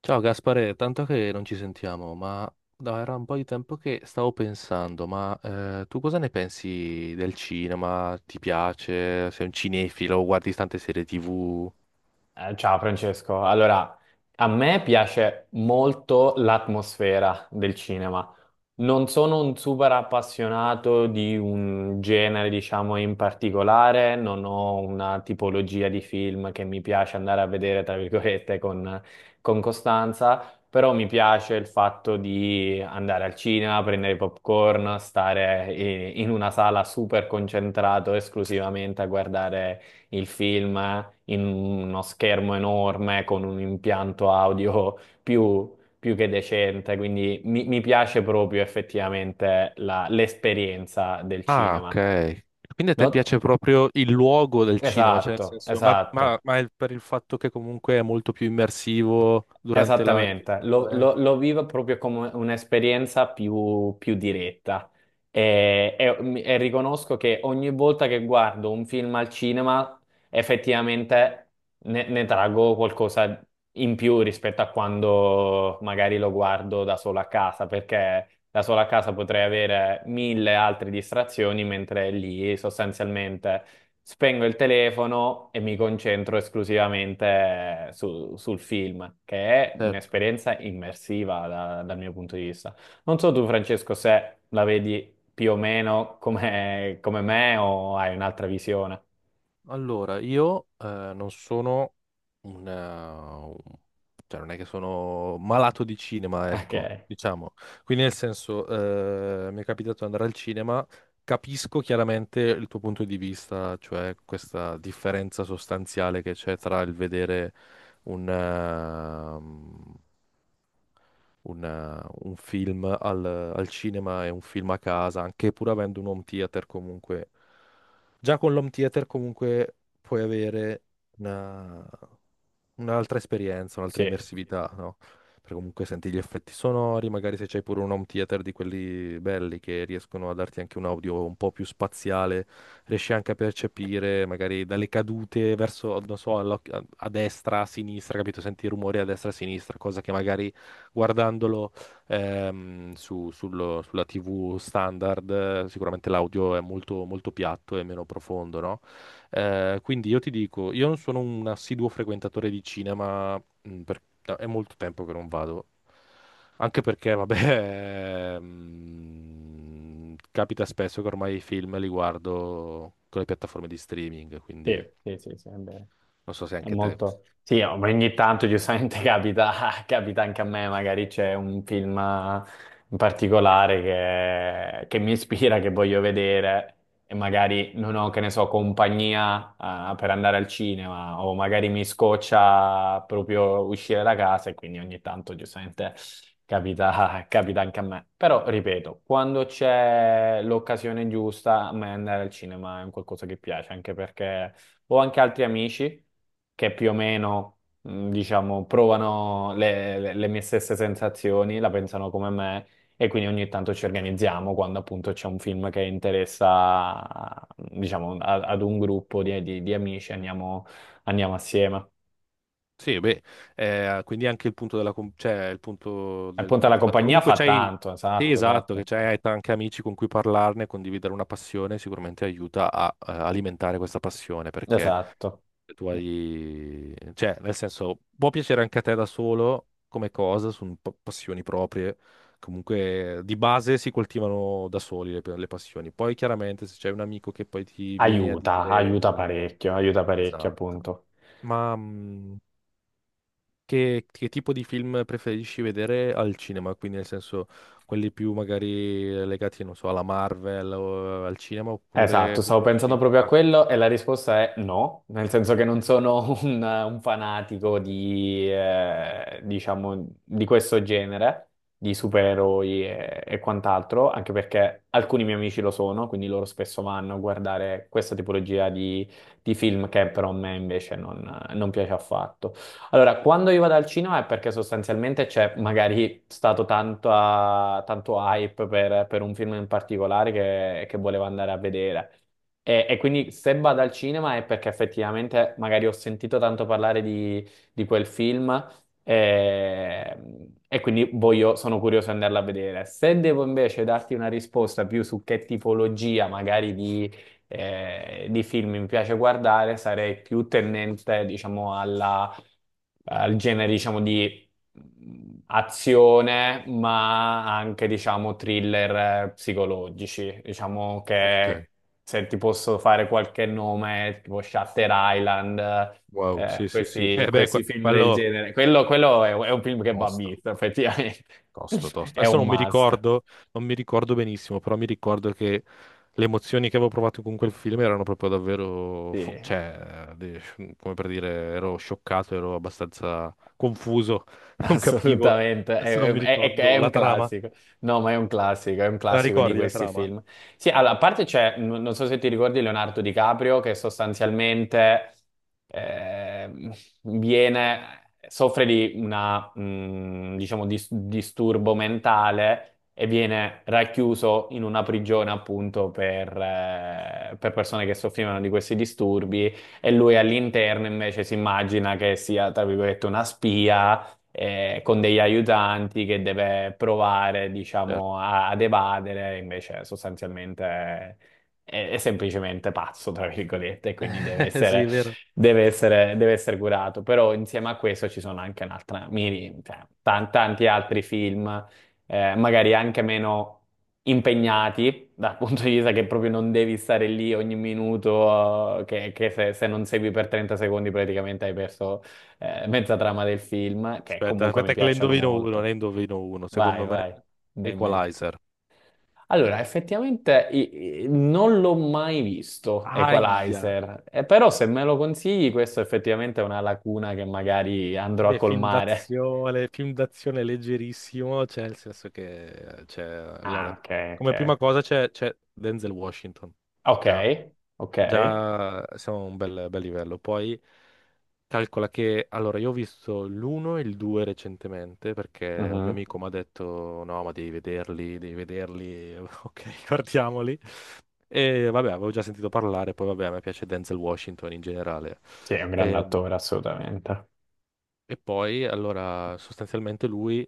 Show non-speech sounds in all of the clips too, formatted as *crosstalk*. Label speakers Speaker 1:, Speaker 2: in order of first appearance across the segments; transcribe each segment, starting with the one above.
Speaker 1: Ciao Gaspare, tanto che non ci sentiamo, ma no, era un po' di tempo che stavo pensando, ma tu cosa ne pensi del cinema? Ti piace? Sei un cinefilo? Guardi tante serie TV?
Speaker 2: Ciao Francesco, allora a me piace molto l'atmosfera del cinema. Non sono un super appassionato di un genere, diciamo, in particolare, non ho una tipologia di film che mi piace andare a vedere, tra virgolette, con costanza, però mi piace il fatto di andare al cinema, prendere i popcorn, stare in una sala super concentrato esclusivamente a guardare il film in uno schermo enorme con un impianto audio più, più che decente, quindi mi piace proprio effettivamente l'esperienza del
Speaker 1: Ah,
Speaker 2: cinema.
Speaker 1: ok. Quindi a te
Speaker 2: No?
Speaker 1: piace proprio il luogo del cinema, cioè nel
Speaker 2: Esatto,
Speaker 1: senso, ma, ma-
Speaker 2: esatto.
Speaker 1: ma è per il fatto che comunque è molto più immersivo durante la
Speaker 2: Esattamente, lo,
Speaker 1: riproduzione,
Speaker 2: lo-
Speaker 1: eh?
Speaker 2: lo vivo proprio come un'esperienza più, più diretta e, e riconosco che ogni volta che guardo un film al cinema effettivamente ne traggo qualcosa in più rispetto a quando magari lo guardo da solo a casa, perché da solo a casa potrei avere mille altre distrazioni, mentre lì sostanzialmente spengo il telefono e mi concentro esclusivamente sul film, che è
Speaker 1: Certo.
Speaker 2: un'esperienza immersiva dal mio punto di vista. Non so tu, Francesco, se la vedi più o meno come, come me o hai un'altra visione. *laughs*
Speaker 1: Allora, io non sono cioè non è che sono malato di cinema,
Speaker 2: Ok,
Speaker 1: ecco, diciamo. Quindi nel senso, mi è capitato di andare al cinema, capisco chiaramente il tuo punto di vista, cioè questa differenza sostanziale che c'è tra il vedere un, ehm, un film al cinema e un film a casa, anche pur avendo un home theater comunque. Già con l'home theater comunque puoi avere una- un'altra esperienza, un'altra
Speaker 2: sì,
Speaker 1: immersività, no? Perché comunque senti gli effetti sonori, magari se c'hai pure un home theater di quelli belli che riescono a darti anche un audio un po' più spaziale, riesci anche a percepire magari dalle cadute verso, non so, a destra, a sinistra, capito? Senti i rumori a destra, a sinistra, cosa che magari guardandolo sulla TV standard, sicuramente l'audio è molto, molto piatto e meno profondo, no? Quindi io ti dico, io non sono un assiduo frequentatore di cinema, no, è molto tempo che non vado, anche perché, vabbè, *laughs* capita spesso che ormai i film li guardo con le piattaforme di streaming, quindi
Speaker 2: sì, sì, sì, sì, è vero.
Speaker 1: non so se
Speaker 2: È
Speaker 1: anche te.
Speaker 2: molto... Sì, oh, ma ogni tanto giustamente *laughs* capita, capita anche a me, magari c'è un film in particolare che mi ispira, che voglio vedere e magari non ho, che ne so, compagnia per andare al cinema o magari mi scoccia proprio uscire da casa e quindi ogni tanto giustamente capita, *laughs* capita anche a me. Però, ripeto, quando c'è l'occasione giusta, a me andare al cinema è un qualcosa che piace, anche perché... Ho anche altri amici che più o meno, diciamo, provano le, le mie stesse sensazioni, la pensano come me e quindi ogni tanto ci organizziamo quando appunto c'è un film che interessa, diciamo, ad un gruppo di, di amici, andiamo, andiamo assieme.
Speaker 1: Sì, beh, quindi anche il punto cioè, il punto
Speaker 2: E
Speaker 1: del
Speaker 2: appunto
Speaker 1: il
Speaker 2: la
Speaker 1: fatto che
Speaker 2: compagnia
Speaker 1: comunque
Speaker 2: fa
Speaker 1: c'hai.
Speaker 2: tanto,
Speaker 1: Sì,
Speaker 2: esatto,
Speaker 1: esatto, che
Speaker 2: esatto,
Speaker 1: c'hai anche amici con cui parlarne, condividere una passione, sicuramente aiuta a alimentare questa passione, perché
Speaker 2: esatto.
Speaker 1: tu hai, cioè, nel senso, può piacere anche a te da solo come cosa, sono passioni proprie. Comunque, di base si coltivano da soli le passioni. Poi, chiaramente, se c'è un amico che poi ti viene a
Speaker 2: Aiuta,
Speaker 1: dire.
Speaker 2: aiuta parecchio
Speaker 1: Esatto.
Speaker 2: appunto.
Speaker 1: Ma che tipo di film preferisci vedere al cinema? Quindi, nel senso, quelli più magari legati, non so, alla Marvel o al cinema, oppure
Speaker 2: Esatto, stavo pensando
Speaker 1: preferisci.
Speaker 2: proprio a
Speaker 1: Ah,
Speaker 2: quello e la risposta è no, nel senso che non sono *laughs* un fanatico di, diciamo, di questo genere, di supereroi e quant'altro, anche perché alcuni miei amici lo sono, quindi loro spesso vanno a guardare questa tipologia di film che però a me invece non, non piace affatto. Allora, quando io vado al cinema è perché sostanzialmente c'è magari stato tanto, ah, tanto hype per un film in particolare che volevo andare a vedere. E quindi se vado al cinema è perché effettivamente magari ho sentito tanto parlare di quel film e, e quindi sono curioso di andarla a vedere. Se devo invece darti una risposta più su che tipologia magari di film mi piace guardare, sarei più tendente, diciamo, alla al genere, diciamo, di azione, ma anche, diciamo, thriller psicologici. Diciamo
Speaker 1: ok.
Speaker 2: che se ti posso fare qualche nome, tipo Shutter Island,
Speaker 1: Wow, sì, sì, sì. *laughs*
Speaker 2: questi,
Speaker 1: Eh beh,
Speaker 2: questi film del
Speaker 1: quello
Speaker 2: genere. Quello è un film che va
Speaker 1: tosto.
Speaker 2: visto, effettivamente. *laughs*
Speaker 1: Tosto, tosto.
Speaker 2: È
Speaker 1: Adesso
Speaker 2: un must.
Speaker 1: non mi ricordo benissimo, però mi ricordo che le emozioni che avevo provato con quel film erano proprio davvero,
Speaker 2: Sì.
Speaker 1: cioè, come per dire, ero scioccato, ero abbastanza confuso, *laughs* non capivo.
Speaker 2: Assolutamente,
Speaker 1: Adesso non
Speaker 2: è,
Speaker 1: mi
Speaker 2: è- è- è
Speaker 1: ricordo
Speaker 2: un
Speaker 1: la trama.
Speaker 2: classico. No, ma è un
Speaker 1: Te la
Speaker 2: classico di
Speaker 1: ricordi la
Speaker 2: questi
Speaker 1: trama?
Speaker 2: film. Sì, allora, a parte c'è, non so se ti ricordi Leonardo DiCaprio, che sostanzialmente ehm, viene, soffre di una, diciamo, disturbo mentale e viene racchiuso in una prigione appunto per persone che soffrivano di questi disturbi e lui all'interno invece si immagina che sia, tra virgolette, una spia con degli aiutanti che deve provare, diciamo,
Speaker 1: Certo.
Speaker 2: ad evadere, invece sostanzialmente è, è semplicemente pazzo, tra virgolette, e quindi deve
Speaker 1: *laughs* Sì,
Speaker 2: essere,
Speaker 1: è vero.
Speaker 2: deve essere, deve essere curato. Però insieme a questo ci sono anche un'altra, cioè, tanti altri film, magari anche meno impegnati dal *laughs* punto di vista che proprio non devi stare lì ogni minuto, che se, se non segui per 30 secondi praticamente hai perso mezza trama del film, che
Speaker 1: Aspetta,
Speaker 2: comunque mi
Speaker 1: aspetta che ne
Speaker 2: piacciono
Speaker 1: indovino uno,
Speaker 2: molto.
Speaker 1: ne indovino uno.
Speaker 2: Vai,
Speaker 1: Secondo me,
Speaker 2: vai, dimmi.
Speaker 1: Equalizer.
Speaker 2: Allora, effettivamente non l'ho mai visto
Speaker 1: Aia.
Speaker 2: Equalizer, però se me lo consigli, questo effettivamente è una lacuna che magari andrò a
Speaker 1: Beh,
Speaker 2: colmare.
Speaker 1: film d'azione leggerissimo, cioè nel senso che, cioè,
Speaker 2: Ah,
Speaker 1: allora,
Speaker 2: ok, ok.
Speaker 1: come prima cosa c'è Denzel Washington,
Speaker 2: Ok,
Speaker 1: già,
Speaker 2: ok.
Speaker 1: già siamo a un bel, bel livello. Poi calcola che, allora, io ho visto l'uno e il due recentemente perché un mio
Speaker 2: Mhm.
Speaker 1: amico mi ha detto, no, ma devi vederli, *laughs* ok, guardiamoli. E vabbè, avevo già sentito parlare, poi vabbè, a me piace Denzel Washington in generale.
Speaker 2: Sì, è un grande
Speaker 1: Ehm,
Speaker 2: attore, assolutamente.
Speaker 1: E, poi, allora, sostanzialmente lui.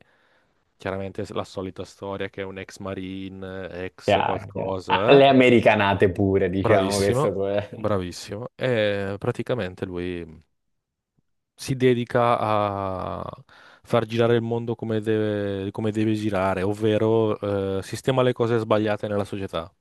Speaker 1: Chiaramente la solita storia che è un ex marine, ex
Speaker 2: Chiaro, chiaro. Ah,
Speaker 1: qualcosa, eh.
Speaker 2: le americanate pure, diciamo, questo
Speaker 1: Bravissimo,
Speaker 2: pure.
Speaker 1: bravissimo. E praticamente lui si dedica a far girare il mondo come deve girare, ovvero sistema le cose sbagliate nella società.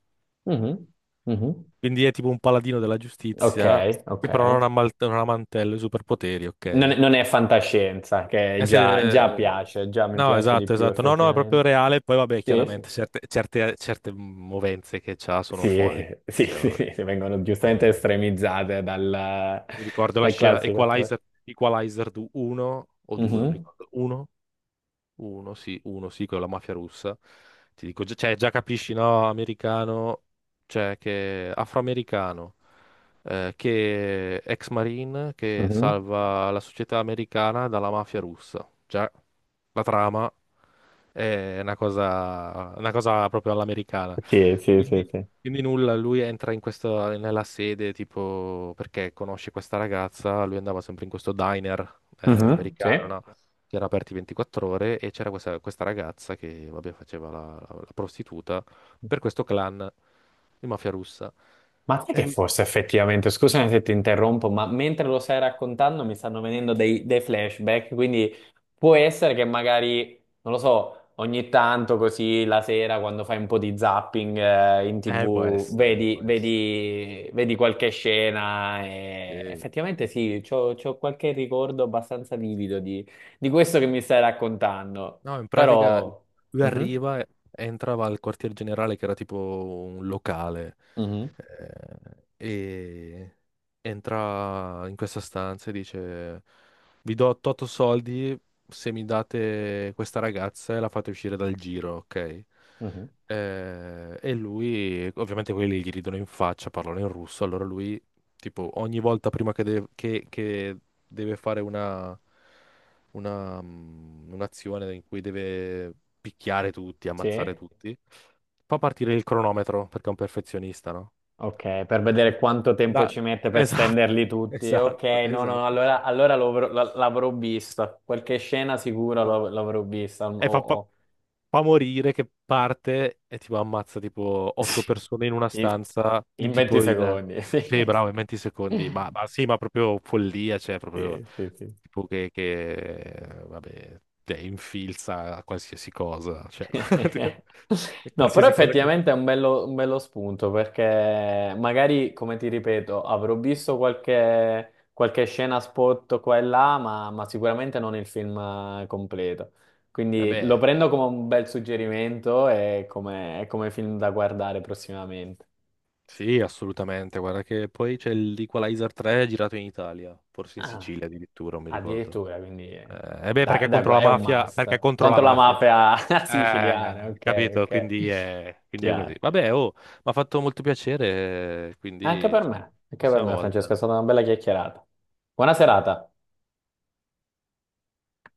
Speaker 2: Mhm, mhm.
Speaker 1: Quindi è tipo un paladino della
Speaker 2: Ok,
Speaker 1: giustizia
Speaker 2: ok.
Speaker 1: che però non ha mantello e superpoteri,
Speaker 2: Non
Speaker 1: ok?
Speaker 2: è, non è fantascienza, che
Speaker 1: Eh,
Speaker 2: già, già
Speaker 1: se-
Speaker 2: piace, già mi
Speaker 1: No,
Speaker 2: piace di
Speaker 1: esatto,
Speaker 2: più
Speaker 1: esatto. No, no, è proprio
Speaker 2: effettivamente.
Speaker 1: reale. Poi, vabbè,
Speaker 2: Sì, sì.
Speaker 1: chiaramente certe movenze che c'ha sono
Speaker 2: Sì,
Speaker 1: folli.
Speaker 2: *laughs*
Speaker 1: Eh,
Speaker 2: sì,
Speaker 1: Cioè,
Speaker 2: sì,
Speaker 1: vabbè.
Speaker 2: sì, sì, vengono giustamente
Speaker 1: Eh,
Speaker 2: estremizzate dal,
Speaker 1: Mi ricordo la
Speaker 2: dal
Speaker 1: scena
Speaker 2: classico attore.
Speaker 1: Equalizer, Equalizer 1 o 2, mi
Speaker 2: Mhm,
Speaker 1: ricordo. 1? 1, sì, 1, sì, con la mafia russa. Ti dico, cioè, già capisci, no, americano, cioè, che afroamericano, che ex marine, che
Speaker 2: mhm.
Speaker 1: salva la società americana dalla mafia russa. Già, la trama. È una cosa proprio all'americana.
Speaker 2: Sì, sì, sì,
Speaker 1: Quindi,
Speaker 2: sì.
Speaker 1: quindi nulla, lui entra nella sede, tipo, perché conosce questa ragazza, lui andava sempre in questo diner
Speaker 2: Mhm,
Speaker 1: americano,
Speaker 2: sì.
Speaker 1: no? Che era aperti 24 ore e c'era questa ragazza che, vabbè, faceva la prostituta per questo clan di mafia russa.
Speaker 2: Ma te
Speaker 1: E
Speaker 2: che
Speaker 1: lui si.
Speaker 2: forse effettivamente, scusami se ti interrompo, ma mentre lo stai raccontando mi stanno venendo dei, dei flashback, quindi può essere che magari, non lo so, ogni tanto così la sera quando fai un po' di zapping in
Speaker 1: Può
Speaker 2: TV
Speaker 1: essere,
Speaker 2: vedi,
Speaker 1: può essere.
Speaker 2: vedi, vedi qualche scena e
Speaker 1: Sì.
Speaker 2: effettivamente sì, c'ho, c'ho qualche ricordo abbastanza vivido di questo che mi stai raccontando,
Speaker 1: No, in pratica
Speaker 2: però...
Speaker 1: lui
Speaker 2: Mhm,
Speaker 1: arriva, e entrava al quartier generale che era tipo un locale
Speaker 2: mhm,
Speaker 1: e entra in questa stanza e dice vi do 8 soldi se mi date questa ragazza e la fate uscire dal giro, ok?
Speaker 2: mhm.
Speaker 1: E lui, ovviamente quelli gli ridono in faccia, parlano in russo, allora lui tipo ogni volta prima che deve fare un'azione in cui deve picchiare tutti, ammazzare
Speaker 2: Sì.
Speaker 1: tutti, fa partire il cronometro perché è un perfezionista, no?
Speaker 2: Ok, per vedere quanto tempo
Speaker 1: Da-
Speaker 2: ci mette per
Speaker 1: Esatto,
Speaker 2: stenderli
Speaker 1: *laughs*
Speaker 2: tutti. Ok,
Speaker 1: esatto,
Speaker 2: no, no,
Speaker 1: esatto.
Speaker 2: allora, allora l'avrò vista. Qualche scena sicura
Speaker 1: No.
Speaker 2: l'avrò vista.
Speaker 1: E fa, pa- fa morire che parte e tipo ammazza tipo
Speaker 2: *laughs*
Speaker 1: otto
Speaker 2: Sì,
Speaker 1: persone in una
Speaker 2: In,
Speaker 1: stanza, in
Speaker 2: in 20
Speaker 1: tipo in.
Speaker 2: secondi. *laughs*
Speaker 1: Sì, bravo, in 20 secondi. Ma sì, ma proprio follia, cioè proprio
Speaker 2: Sì, sì, sì.
Speaker 1: tipo che vabbè, te infilza a qualsiasi cosa, cioè
Speaker 2: *laughs*
Speaker 1: *laughs* e
Speaker 2: No, però
Speaker 1: qualsiasi cosa che.
Speaker 2: effettivamente è un bello spunto perché magari, come ti ripeto, avrò visto qualche, qualche scena spot qua e là, ma sicuramente non il film completo. Quindi lo
Speaker 1: Vabbè,
Speaker 2: prendo come un bel suggerimento e come film da guardare prossimamente.
Speaker 1: sì, assolutamente. Guarda che poi c'è l'Equalizer 3 girato in Italia, forse in
Speaker 2: Ah,
Speaker 1: Sicilia addirittura, non mi ricordo.
Speaker 2: addirittura, quindi
Speaker 1: Eh beh, perché è contro la
Speaker 2: è un
Speaker 1: mafia, perché è
Speaker 2: must.
Speaker 1: contro la
Speaker 2: Contro la
Speaker 1: mafia,
Speaker 2: mafia *laughs*
Speaker 1: Eh,
Speaker 2: siciliana, ok,
Speaker 1: capito,
Speaker 2: ok.
Speaker 1: quindi è così.
Speaker 2: Chiaro.
Speaker 1: Vabbè, oh, mi ha fatto molto piacere,
Speaker 2: Anche
Speaker 1: quindi
Speaker 2: per me, anche per
Speaker 1: prossima
Speaker 2: me, Francesca,
Speaker 1: volta.
Speaker 2: è stata una bella chiacchierata. Buona serata.